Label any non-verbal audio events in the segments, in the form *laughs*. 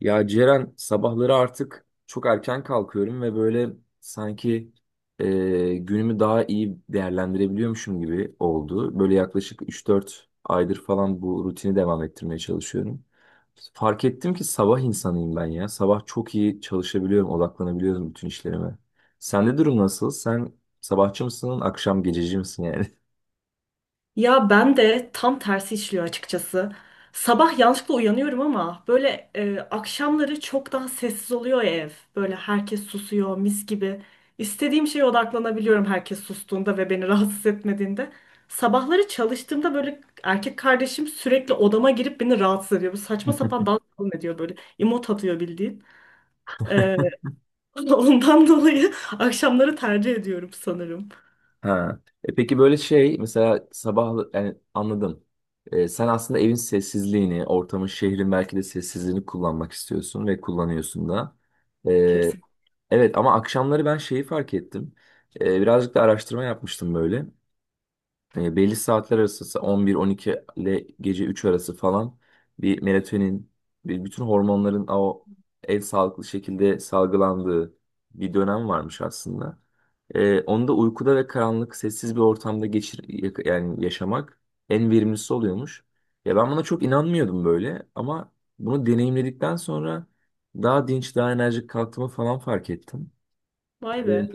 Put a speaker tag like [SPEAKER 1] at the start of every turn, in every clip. [SPEAKER 1] Ya Ceren, sabahları artık çok erken kalkıyorum ve böyle sanki günümü daha iyi değerlendirebiliyormuşum gibi oldu. Böyle yaklaşık üç dört aydır falan bu rutini devam ettirmeye çalışıyorum. Fark ettim ki sabah insanıyım ben ya. Sabah çok iyi çalışabiliyorum, odaklanabiliyorum bütün işlerime. Sende durum nasıl? Sen sabahçı mısın, akşam gececi misin yani?
[SPEAKER 2] Ya ben de tam tersi işliyor açıkçası. Sabah yanlışlıkla uyanıyorum ama böyle akşamları çok daha sessiz oluyor ya ev. Böyle herkes susuyor mis gibi. İstediğim şeye odaklanabiliyorum herkes sustuğunda ve beni *laughs* rahatsız etmediğinde. Sabahları çalıştığımda böyle erkek kardeşim sürekli odama girip beni rahatsız ediyor. Bu saçma sapan
[SPEAKER 1] *laughs*
[SPEAKER 2] dans falan ediyor böyle. İmot atıyor bildiğin. E, *laughs* Ondan dolayı akşamları tercih ediyorum sanırım.
[SPEAKER 1] Ha. E peki böyle şey mesela sabah, yani anladım. Sen aslında evin sessizliğini, ortamın, şehrin belki de sessizliğini kullanmak istiyorsun ve kullanıyorsun da. E,
[SPEAKER 2] Kesin.
[SPEAKER 1] evet, ama akşamları ben şeyi fark ettim. Birazcık da araştırma yapmıştım böyle. Belli saatler arası 11-12 ile gece 3 arası falan bir melatonin, bir bütün hormonların o en sağlıklı şekilde salgılandığı bir dönem varmış aslında. Onu da uykuda ve karanlık, sessiz bir ortamda yani yaşamak en verimlisi oluyormuş. Ya ben buna çok inanmıyordum böyle, ama bunu deneyimledikten sonra daha dinç, daha enerjik kalktığımı falan fark ettim. Ee,
[SPEAKER 2] Vay be.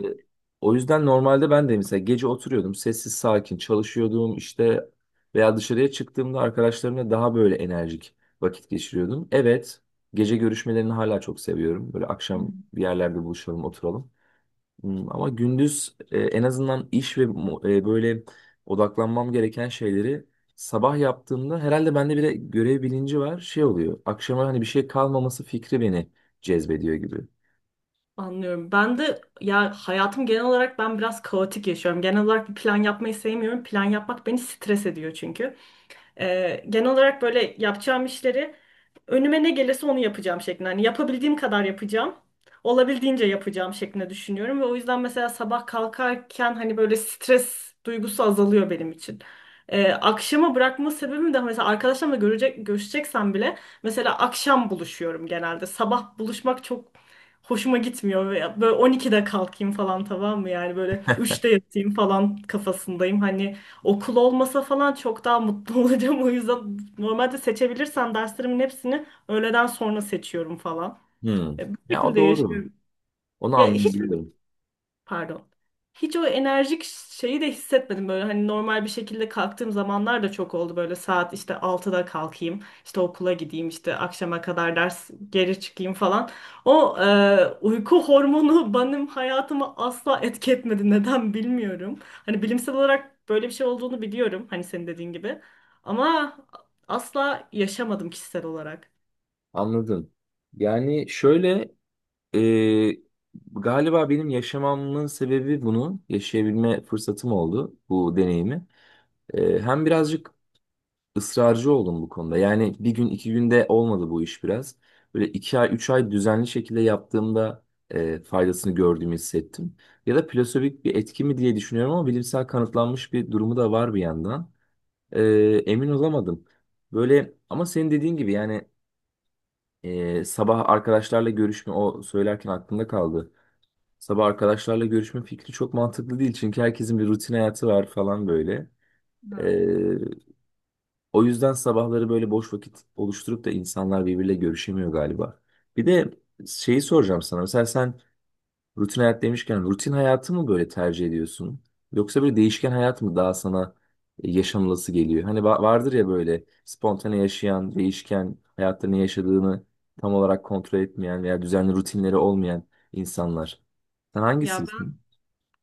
[SPEAKER 1] O yüzden normalde ben de mesela gece oturuyordum, sessiz sakin çalışıyordum işte, veya dışarıya çıktığımda arkadaşlarımla daha böyle enerjik vakit geçiriyordum. Evet, gece görüşmelerini hala çok seviyorum. Böyle akşam bir yerlerde buluşalım, oturalım. Ama gündüz, en azından iş ve böyle odaklanmam gereken şeyleri sabah yaptığımda, herhalde bende bir de görev bilinci var. Şey oluyor, akşama hani bir şey kalmaması fikri beni cezbediyor gibi.
[SPEAKER 2] Anlıyorum. Ben de ya hayatım genel olarak ben biraz kaotik yaşıyorum. Genel olarak bir plan yapmayı sevmiyorum. Plan yapmak beni stres ediyor çünkü. Genel olarak böyle yapacağım işleri önüme ne gelirse onu yapacağım şeklinde. Hani yapabildiğim kadar yapacağım. Olabildiğince yapacağım şeklinde düşünüyorum ve o yüzden mesela sabah kalkarken hani böyle stres duygusu azalıyor benim için. Akşama bırakma sebebim de mesela arkadaşlarımla görecek, görüşeceksem bile mesela akşam buluşuyorum genelde. Sabah buluşmak çok hoşuma gitmiyor. Ve böyle 12'de kalkayım falan, tamam mı? Yani böyle 3'te yatayım falan kafasındayım. Hani okul olmasa falan çok daha mutlu *laughs* olacağım. O yüzden normalde seçebilirsem derslerimin hepsini öğleden sonra seçiyorum falan.
[SPEAKER 1] Hmm.
[SPEAKER 2] Bu
[SPEAKER 1] Ya, o
[SPEAKER 2] şekilde
[SPEAKER 1] doğru.
[SPEAKER 2] yaşıyorum.
[SPEAKER 1] Onu
[SPEAKER 2] Ya hiç
[SPEAKER 1] anlayabiliyorum.
[SPEAKER 2] Pardon. Hiç o enerjik şeyi de hissetmedim böyle hani normal bir şekilde kalktığım zamanlar da çok oldu böyle saat işte altıda kalkayım işte okula gideyim işte akşama kadar ders geri çıkayım falan. O uyku *laughs* hormonu benim hayatıma asla etki etmedi, neden bilmiyorum. Hani bilimsel olarak böyle bir şey olduğunu biliyorum hani senin dediğin gibi, ama asla yaşamadım kişisel olarak.
[SPEAKER 1] Anladım. Yani şöyle, e, galiba benim yaşamamın sebebi bunu yaşayabilme fırsatım oldu, bu deneyimi. Hem birazcık ısrarcı oldum bu konuda. Yani bir gün iki günde olmadı bu iş biraz. Böyle iki ay üç ay düzenli şekilde yaptığımda faydasını gördüğümü hissettim. Ya da plasebik bir etki mi diye düşünüyorum, ama bilimsel kanıtlanmış bir durumu da var bir yandan. E, Emin olamadım. Böyle ama senin dediğin gibi yani. Sabah arkadaşlarla görüşme, o söylerken aklımda kaldı. Sabah arkadaşlarla görüşme fikri çok mantıklı değil, çünkü herkesin bir rutin hayatı var falan böyle.
[SPEAKER 2] Hı.
[SPEAKER 1] Ee, O yüzden sabahları böyle boş vakit oluşturup da insanlar birbiriyle görüşemiyor galiba. Bir de şeyi soracağım sana. Mesela sen, rutin hayat demişken, rutin hayatı mı böyle tercih ediyorsun? Yoksa böyle değişken hayat mı daha sana yaşanılası geliyor? Hani vardır ya böyle spontane yaşayan, değişken hayatta ne yaşadığını tam olarak kontrol etmeyen veya düzenli rutinleri olmayan insanlar. Sen
[SPEAKER 2] Ya
[SPEAKER 1] hangisisin?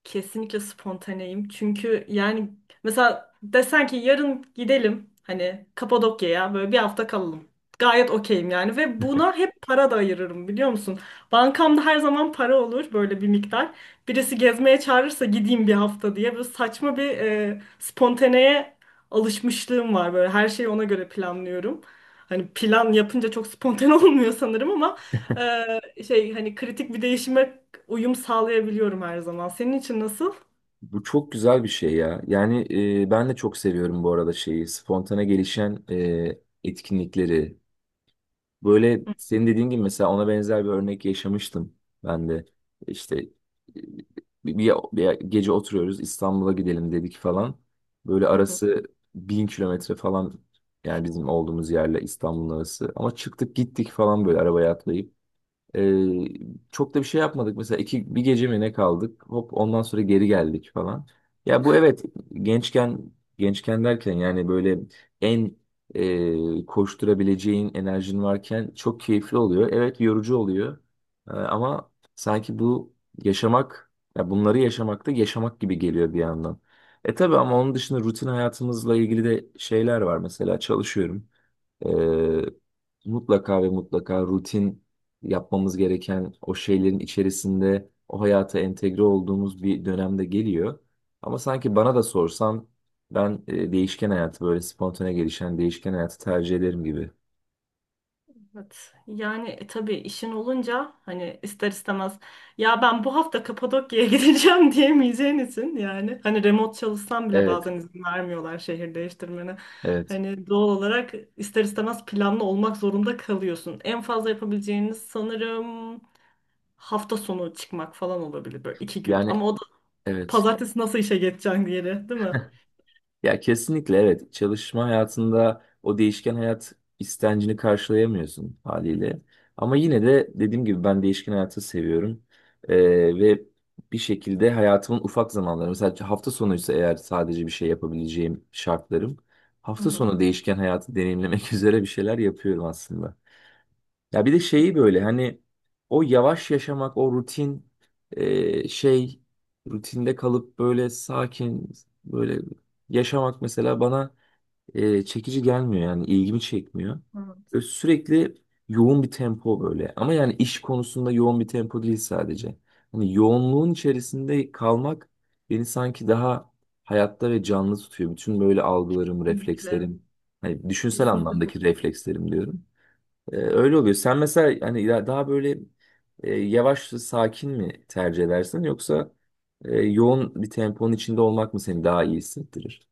[SPEAKER 2] kesinlikle spontaneyim. Çünkü yani mesela desen ki yarın gidelim hani Kapadokya'ya böyle bir hafta kalalım. Gayet okeyim yani ve buna hep para da ayırırım, biliyor musun? Bankamda her zaman para olur böyle bir miktar. Birisi gezmeye çağırırsa gideyim bir hafta diye böyle saçma bir spontaneye alışmışlığım var, böyle her şeyi ona göre planlıyorum. Hani plan yapınca çok spontane *laughs* olmuyor sanırım ama şey hani kritik bir değişime uyum sağlayabiliyorum her zaman. Senin için nasıl?
[SPEAKER 1] Bu çok güzel bir şey ya. Yani ben de çok seviyorum bu arada şeyi, spontane gelişen etkinlikleri. Böyle
[SPEAKER 2] *laughs*
[SPEAKER 1] senin dediğin gibi mesela ona benzer bir örnek yaşamıştım ben de. İşte bir gece oturuyoruz, İstanbul'a gidelim dedik falan. Böyle
[SPEAKER 2] Hı hı.
[SPEAKER 1] arası bin kilometre falan, yani bizim olduğumuz yerle İstanbul'un arası. Ama çıktık gittik falan, böyle arabaya atlayıp. Ee, Çok da bir şey yapmadık. Mesela iki, bir gece mi ne kaldık? Hop, ondan sonra geri geldik falan. Ya bu evet, gençken, gençken derken yani böyle en koşturabileceğin enerjin varken çok keyifli oluyor. Evet, yorucu oluyor. Ama sanki bu yaşamak, ya bunları yaşamak da yaşamak gibi geliyor bir yandan. E tabii, ama onun dışında rutin hayatımızla ilgili de şeyler var. Mesela çalışıyorum. Ee, Mutlaka ve mutlaka rutin yapmamız gereken o şeylerin içerisinde, o hayata entegre olduğumuz bir dönemde geliyor. Ama sanki bana da sorsan, ben değişken hayatı, böyle spontane gelişen değişken hayatı tercih ederim gibi.
[SPEAKER 2] Evet. Yani tabii işin olunca hani ister istemez ya ben bu hafta Kapadokya'ya *laughs* gideceğim diyemeyeceğin için, yani hani remote çalışsam bile
[SPEAKER 1] Evet,
[SPEAKER 2] bazen izin vermiyorlar şehir değiştirmene.
[SPEAKER 1] evet.
[SPEAKER 2] Hani doğal olarak ister istemez planlı olmak zorunda kalıyorsun. En fazla yapabileceğiniz sanırım hafta sonu çıkmak falan olabilir, böyle iki gün.
[SPEAKER 1] Yani
[SPEAKER 2] Ama o da
[SPEAKER 1] evet.
[SPEAKER 2] pazartesi nasıl işe geçeceksin, diye değil mi?
[SPEAKER 1] Ya kesinlikle evet. Çalışma hayatında o değişken hayat istencini karşılayamıyorsun haliyle. Ama yine de dediğim gibi, ben değişken hayatı seviyorum. Ee, Ve bir şekilde hayatımın ufak zamanları, mesela hafta sonuysa eğer, sadece bir şey yapabileceğim şartlarım.
[SPEAKER 2] Hı
[SPEAKER 1] Hafta
[SPEAKER 2] hı.
[SPEAKER 1] sonu değişken hayatı deneyimlemek *laughs* üzere bir şeyler yapıyorum aslında. Ya bir de şeyi, böyle hani o yavaş yaşamak, o rutin, e, şey rutinde kalıp böyle sakin böyle yaşamak mesela bana çekici gelmiyor, yani ilgimi çekmiyor.
[SPEAKER 2] Evet,
[SPEAKER 1] Böyle sürekli yoğun bir tempo, böyle ama yani iş konusunda yoğun bir tempo değil sadece. Hani yoğunluğun içerisinde kalmak beni sanki daha hayatta ve canlı tutuyor. Bütün böyle algılarım,
[SPEAKER 2] kesinlikle.
[SPEAKER 1] reflekslerim, hani düşünsel
[SPEAKER 2] Kesinlikle.
[SPEAKER 1] anlamdaki reflekslerim diyorum. Öyle oluyor. Sen mesela hani daha böyle yavaş sakin mi tercih edersin, yoksa yoğun bir temponun içinde olmak mı seni daha iyi hissettirir?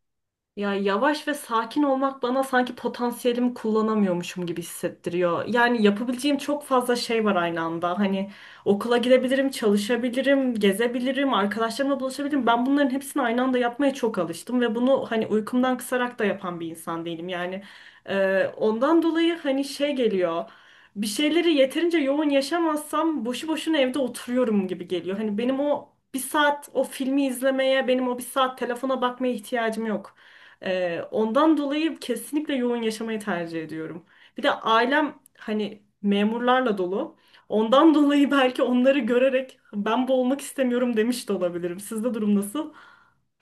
[SPEAKER 2] Ya yavaş ve sakin olmak bana sanki potansiyelimi kullanamıyormuşum gibi hissettiriyor. Yani yapabileceğim çok fazla şey var aynı anda. Hani okula gidebilirim, çalışabilirim, gezebilirim, arkadaşlarımla buluşabilirim. Ben bunların hepsini aynı anda yapmaya çok alıştım ve bunu hani uykumdan kısarak da yapan bir insan değilim. Yani ondan dolayı hani şey geliyor. Bir şeyleri yeterince yoğun yaşamazsam boşu boşuna evde oturuyorum gibi geliyor. Hani benim o bir saat o filmi izlemeye, benim o bir saat telefona bakmaya ihtiyacım yok. Ondan dolayı kesinlikle yoğun yaşamayı tercih ediyorum. Bir de ailem hani memurlarla dolu. Ondan *laughs* dolayı belki onları görerek ben bu olmak istemiyorum demiş de olabilirim. Sizde durum nasıl?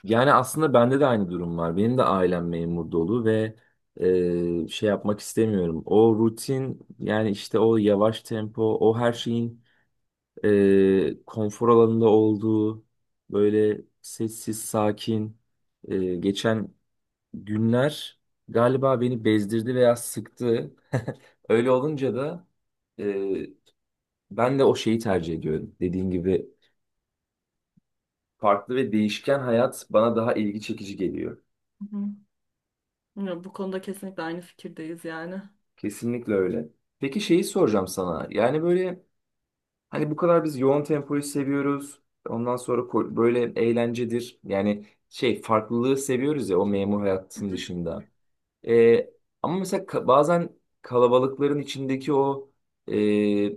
[SPEAKER 1] Yani aslında bende de aynı durum var. Benim de ailem memur dolu ve şey yapmak istemiyorum. O rutin, yani işte o yavaş tempo, o her şeyin konfor alanında olduğu böyle sessiz, sakin. Geçen günler galiba beni bezdirdi veya sıktı. *laughs* Öyle olunca da e, ben de o şeyi tercih ediyorum. Dediğin gibi farklı ve değişken hayat bana daha ilgi çekici geliyor.
[SPEAKER 2] Hı hı. Ya, bu konuda kesinlikle aynı fikirdeyiz yani.
[SPEAKER 1] Kesinlikle öyle. Peki şeyi soracağım sana. Yani böyle hani bu kadar biz yoğun tempoyu seviyoruz. Ondan sonra böyle eğlencedir. Yani şey farklılığı seviyoruz ya, o memur hayatın dışında. Ee, Ama mesela bazen kalabalıkların içindeki o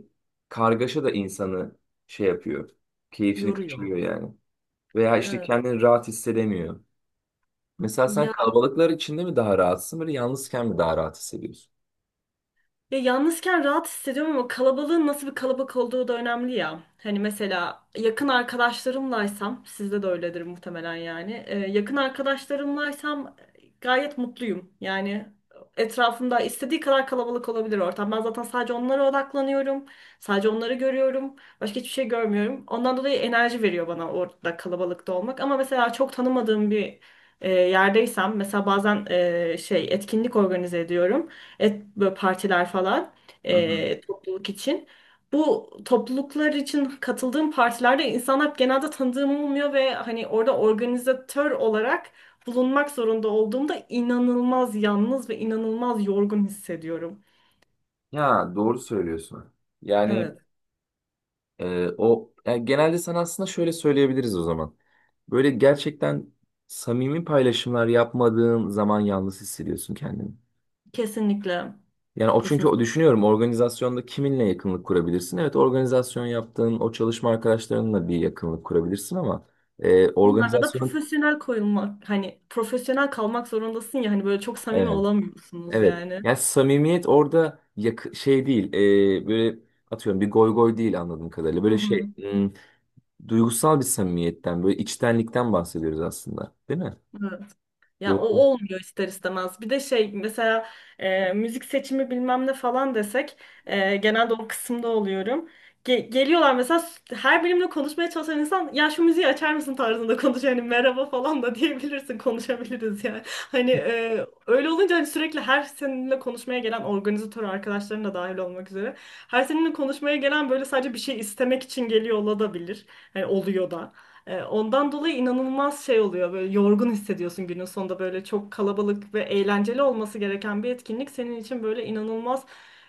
[SPEAKER 1] kargaşa da insanı şey yapıyor. Keyfini
[SPEAKER 2] Yoruyor.
[SPEAKER 1] kaçırıyor yani. Veya işte
[SPEAKER 2] Evet.
[SPEAKER 1] kendini rahat hissedemiyor. Mesela sen
[SPEAKER 2] Ya
[SPEAKER 1] kalabalıklar içinde mi daha rahatsın, böyle yalnızken mi daha rahat hissediyorsun?
[SPEAKER 2] Ya yalnızken rahat hissediyorum ama kalabalığın nasıl bir kalabalık olduğu da önemli ya. Hani mesela yakın arkadaşlarımlaysam, sizde de öyledir muhtemelen yani. Yakın arkadaşlarımlaysam gayet mutluyum. Yani etrafımda istediği kadar kalabalık olabilir ortam. Ben zaten sadece onlara odaklanıyorum. Sadece onları görüyorum. Başka hiçbir şey görmüyorum. Ondan dolayı enerji veriyor bana orada kalabalıkta olmak. Ama mesela çok tanımadığım bir yerdeysem, mesela bazen şey etkinlik organize ediyorum, böyle partiler falan
[SPEAKER 1] Hı hı.
[SPEAKER 2] topluluk için. Bu topluluklar için katıldığım partilerde insanlar genelde tanıdığım olmuyor ve hani orada organizatör olarak bulunmak zorunda olduğumda inanılmaz yalnız ve inanılmaz yorgun hissediyorum.
[SPEAKER 1] Ya doğru söylüyorsun. Yani
[SPEAKER 2] Evet,
[SPEAKER 1] o, yani genelde sana aslında şöyle söyleyebiliriz o zaman. Böyle gerçekten samimi paylaşımlar yapmadığın zaman yalnız hissediyorsun kendini.
[SPEAKER 2] kesinlikle.
[SPEAKER 1] Yani o, çünkü
[SPEAKER 2] Kesinlikle.
[SPEAKER 1] o düşünüyorum, organizasyonda kiminle yakınlık kurabilirsin? Evet, organizasyon yaptığın o çalışma arkadaşlarınla bir yakınlık kurabilirsin, ama
[SPEAKER 2] Onlarla da
[SPEAKER 1] organizasyon,
[SPEAKER 2] profesyonel koyulmak, hani profesyonel kalmak zorundasın ya, hani böyle çok samimi
[SPEAKER 1] evet
[SPEAKER 2] olamıyorsunuz
[SPEAKER 1] evet,
[SPEAKER 2] yani.
[SPEAKER 1] yani samimiyet orada şey değil, böyle atıyorum bir goy goy değil, anladığım kadarıyla
[SPEAKER 2] Hı
[SPEAKER 1] böyle
[SPEAKER 2] hı.
[SPEAKER 1] şey, duygusal bir samimiyetten, böyle içtenlikten bahsediyoruz aslında, değil mi?
[SPEAKER 2] Evet. Ya o
[SPEAKER 1] Doğru,
[SPEAKER 2] olmuyor ister istemez. Bir de şey mesela müzik seçimi bilmem ne falan desek genelde o kısımda oluyorum. Geliyorlar mesela her benimle konuşmaya çalışan insan ya şu müziği açar mısın tarzında konuşuyor. Hani merhaba falan da *laughs* diyebilirsin, konuşabiliriz yani. Hani öyle olunca hani sürekli her seninle konuşmaya gelen organizatör arkadaşların da dahil olmak üzere. Her seninle konuşmaya gelen böyle sadece bir şey istemek için geliyor olabilir. Hani oluyor da. Ondan dolayı inanılmaz şey oluyor. Böyle yorgun hissediyorsun günün sonunda, böyle çok kalabalık ve eğlenceli olması gereken bir etkinlik senin için böyle inanılmaz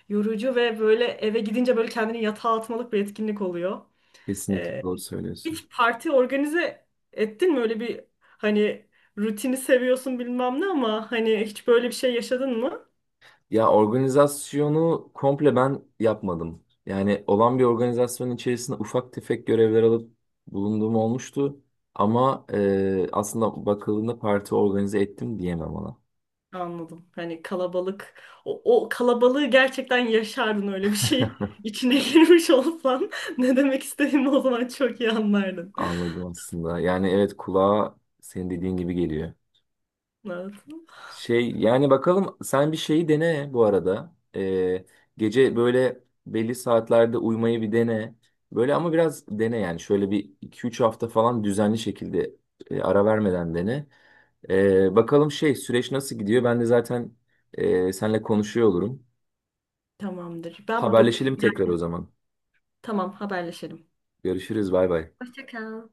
[SPEAKER 2] yorucu ve böyle eve gidince böyle kendini yatağa atmalık bir etkinlik oluyor.
[SPEAKER 1] kesinlikle
[SPEAKER 2] E,
[SPEAKER 1] doğru söylüyorsun.
[SPEAKER 2] hiç parti organize ettin mi? Öyle bir hani rutini seviyorsun bilmem ne ama hani hiç böyle bir şey yaşadın mı?
[SPEAKER 1] Ya organizasyonu komple ben yapmadım. Yani olan bir organizasyonun içerisinde ufak tefek görevler alıp bulunduğum olmuştu. Ama aslında bakıldığında, parti organize ettim diyemem ona.
[SPEAKER 2] Anladım. Hani kalabalık, o kalabalığı gerçekten yaşardın öyle bir şey
[SPEAKER 1] *laughs*
[SPEAKER 2] içine *laughs* girmiş olsan ne demek istediğimi o zaman çok iyi anlardın.
[SPEAKER 1] Anladım aslında. Yani evet, kulağa senin dediğin gibi geliyor.
[SPEAKER 2] Evet.
[SPEAKER 1] Şey, yani bakalım, sen bir şeyi dene bu arada. Gece böyle belli saatlerde uyumayı bir dene. Böyle, ama biraz dene yani, şöyle bir iki üç hafta falan düzenli şekilde ara vermeden dene. Bakalım şey, süreç nasıl gidiyor? Ben de zaten seninle konuşuyor olurum.
[SPEAKER 2] Tamamdır. Ben bu...
[SPEAKER 1] Haberleşelim tekrar
[SPEAKER 2] Yani,
[SPEAKER 1] o zaman.
[SPEAKER 2] tamam, haberleşelim.
[SPEAKER 1] Görüşürüz. Bay bay.
[SPEAKER 2] Hoşça kal.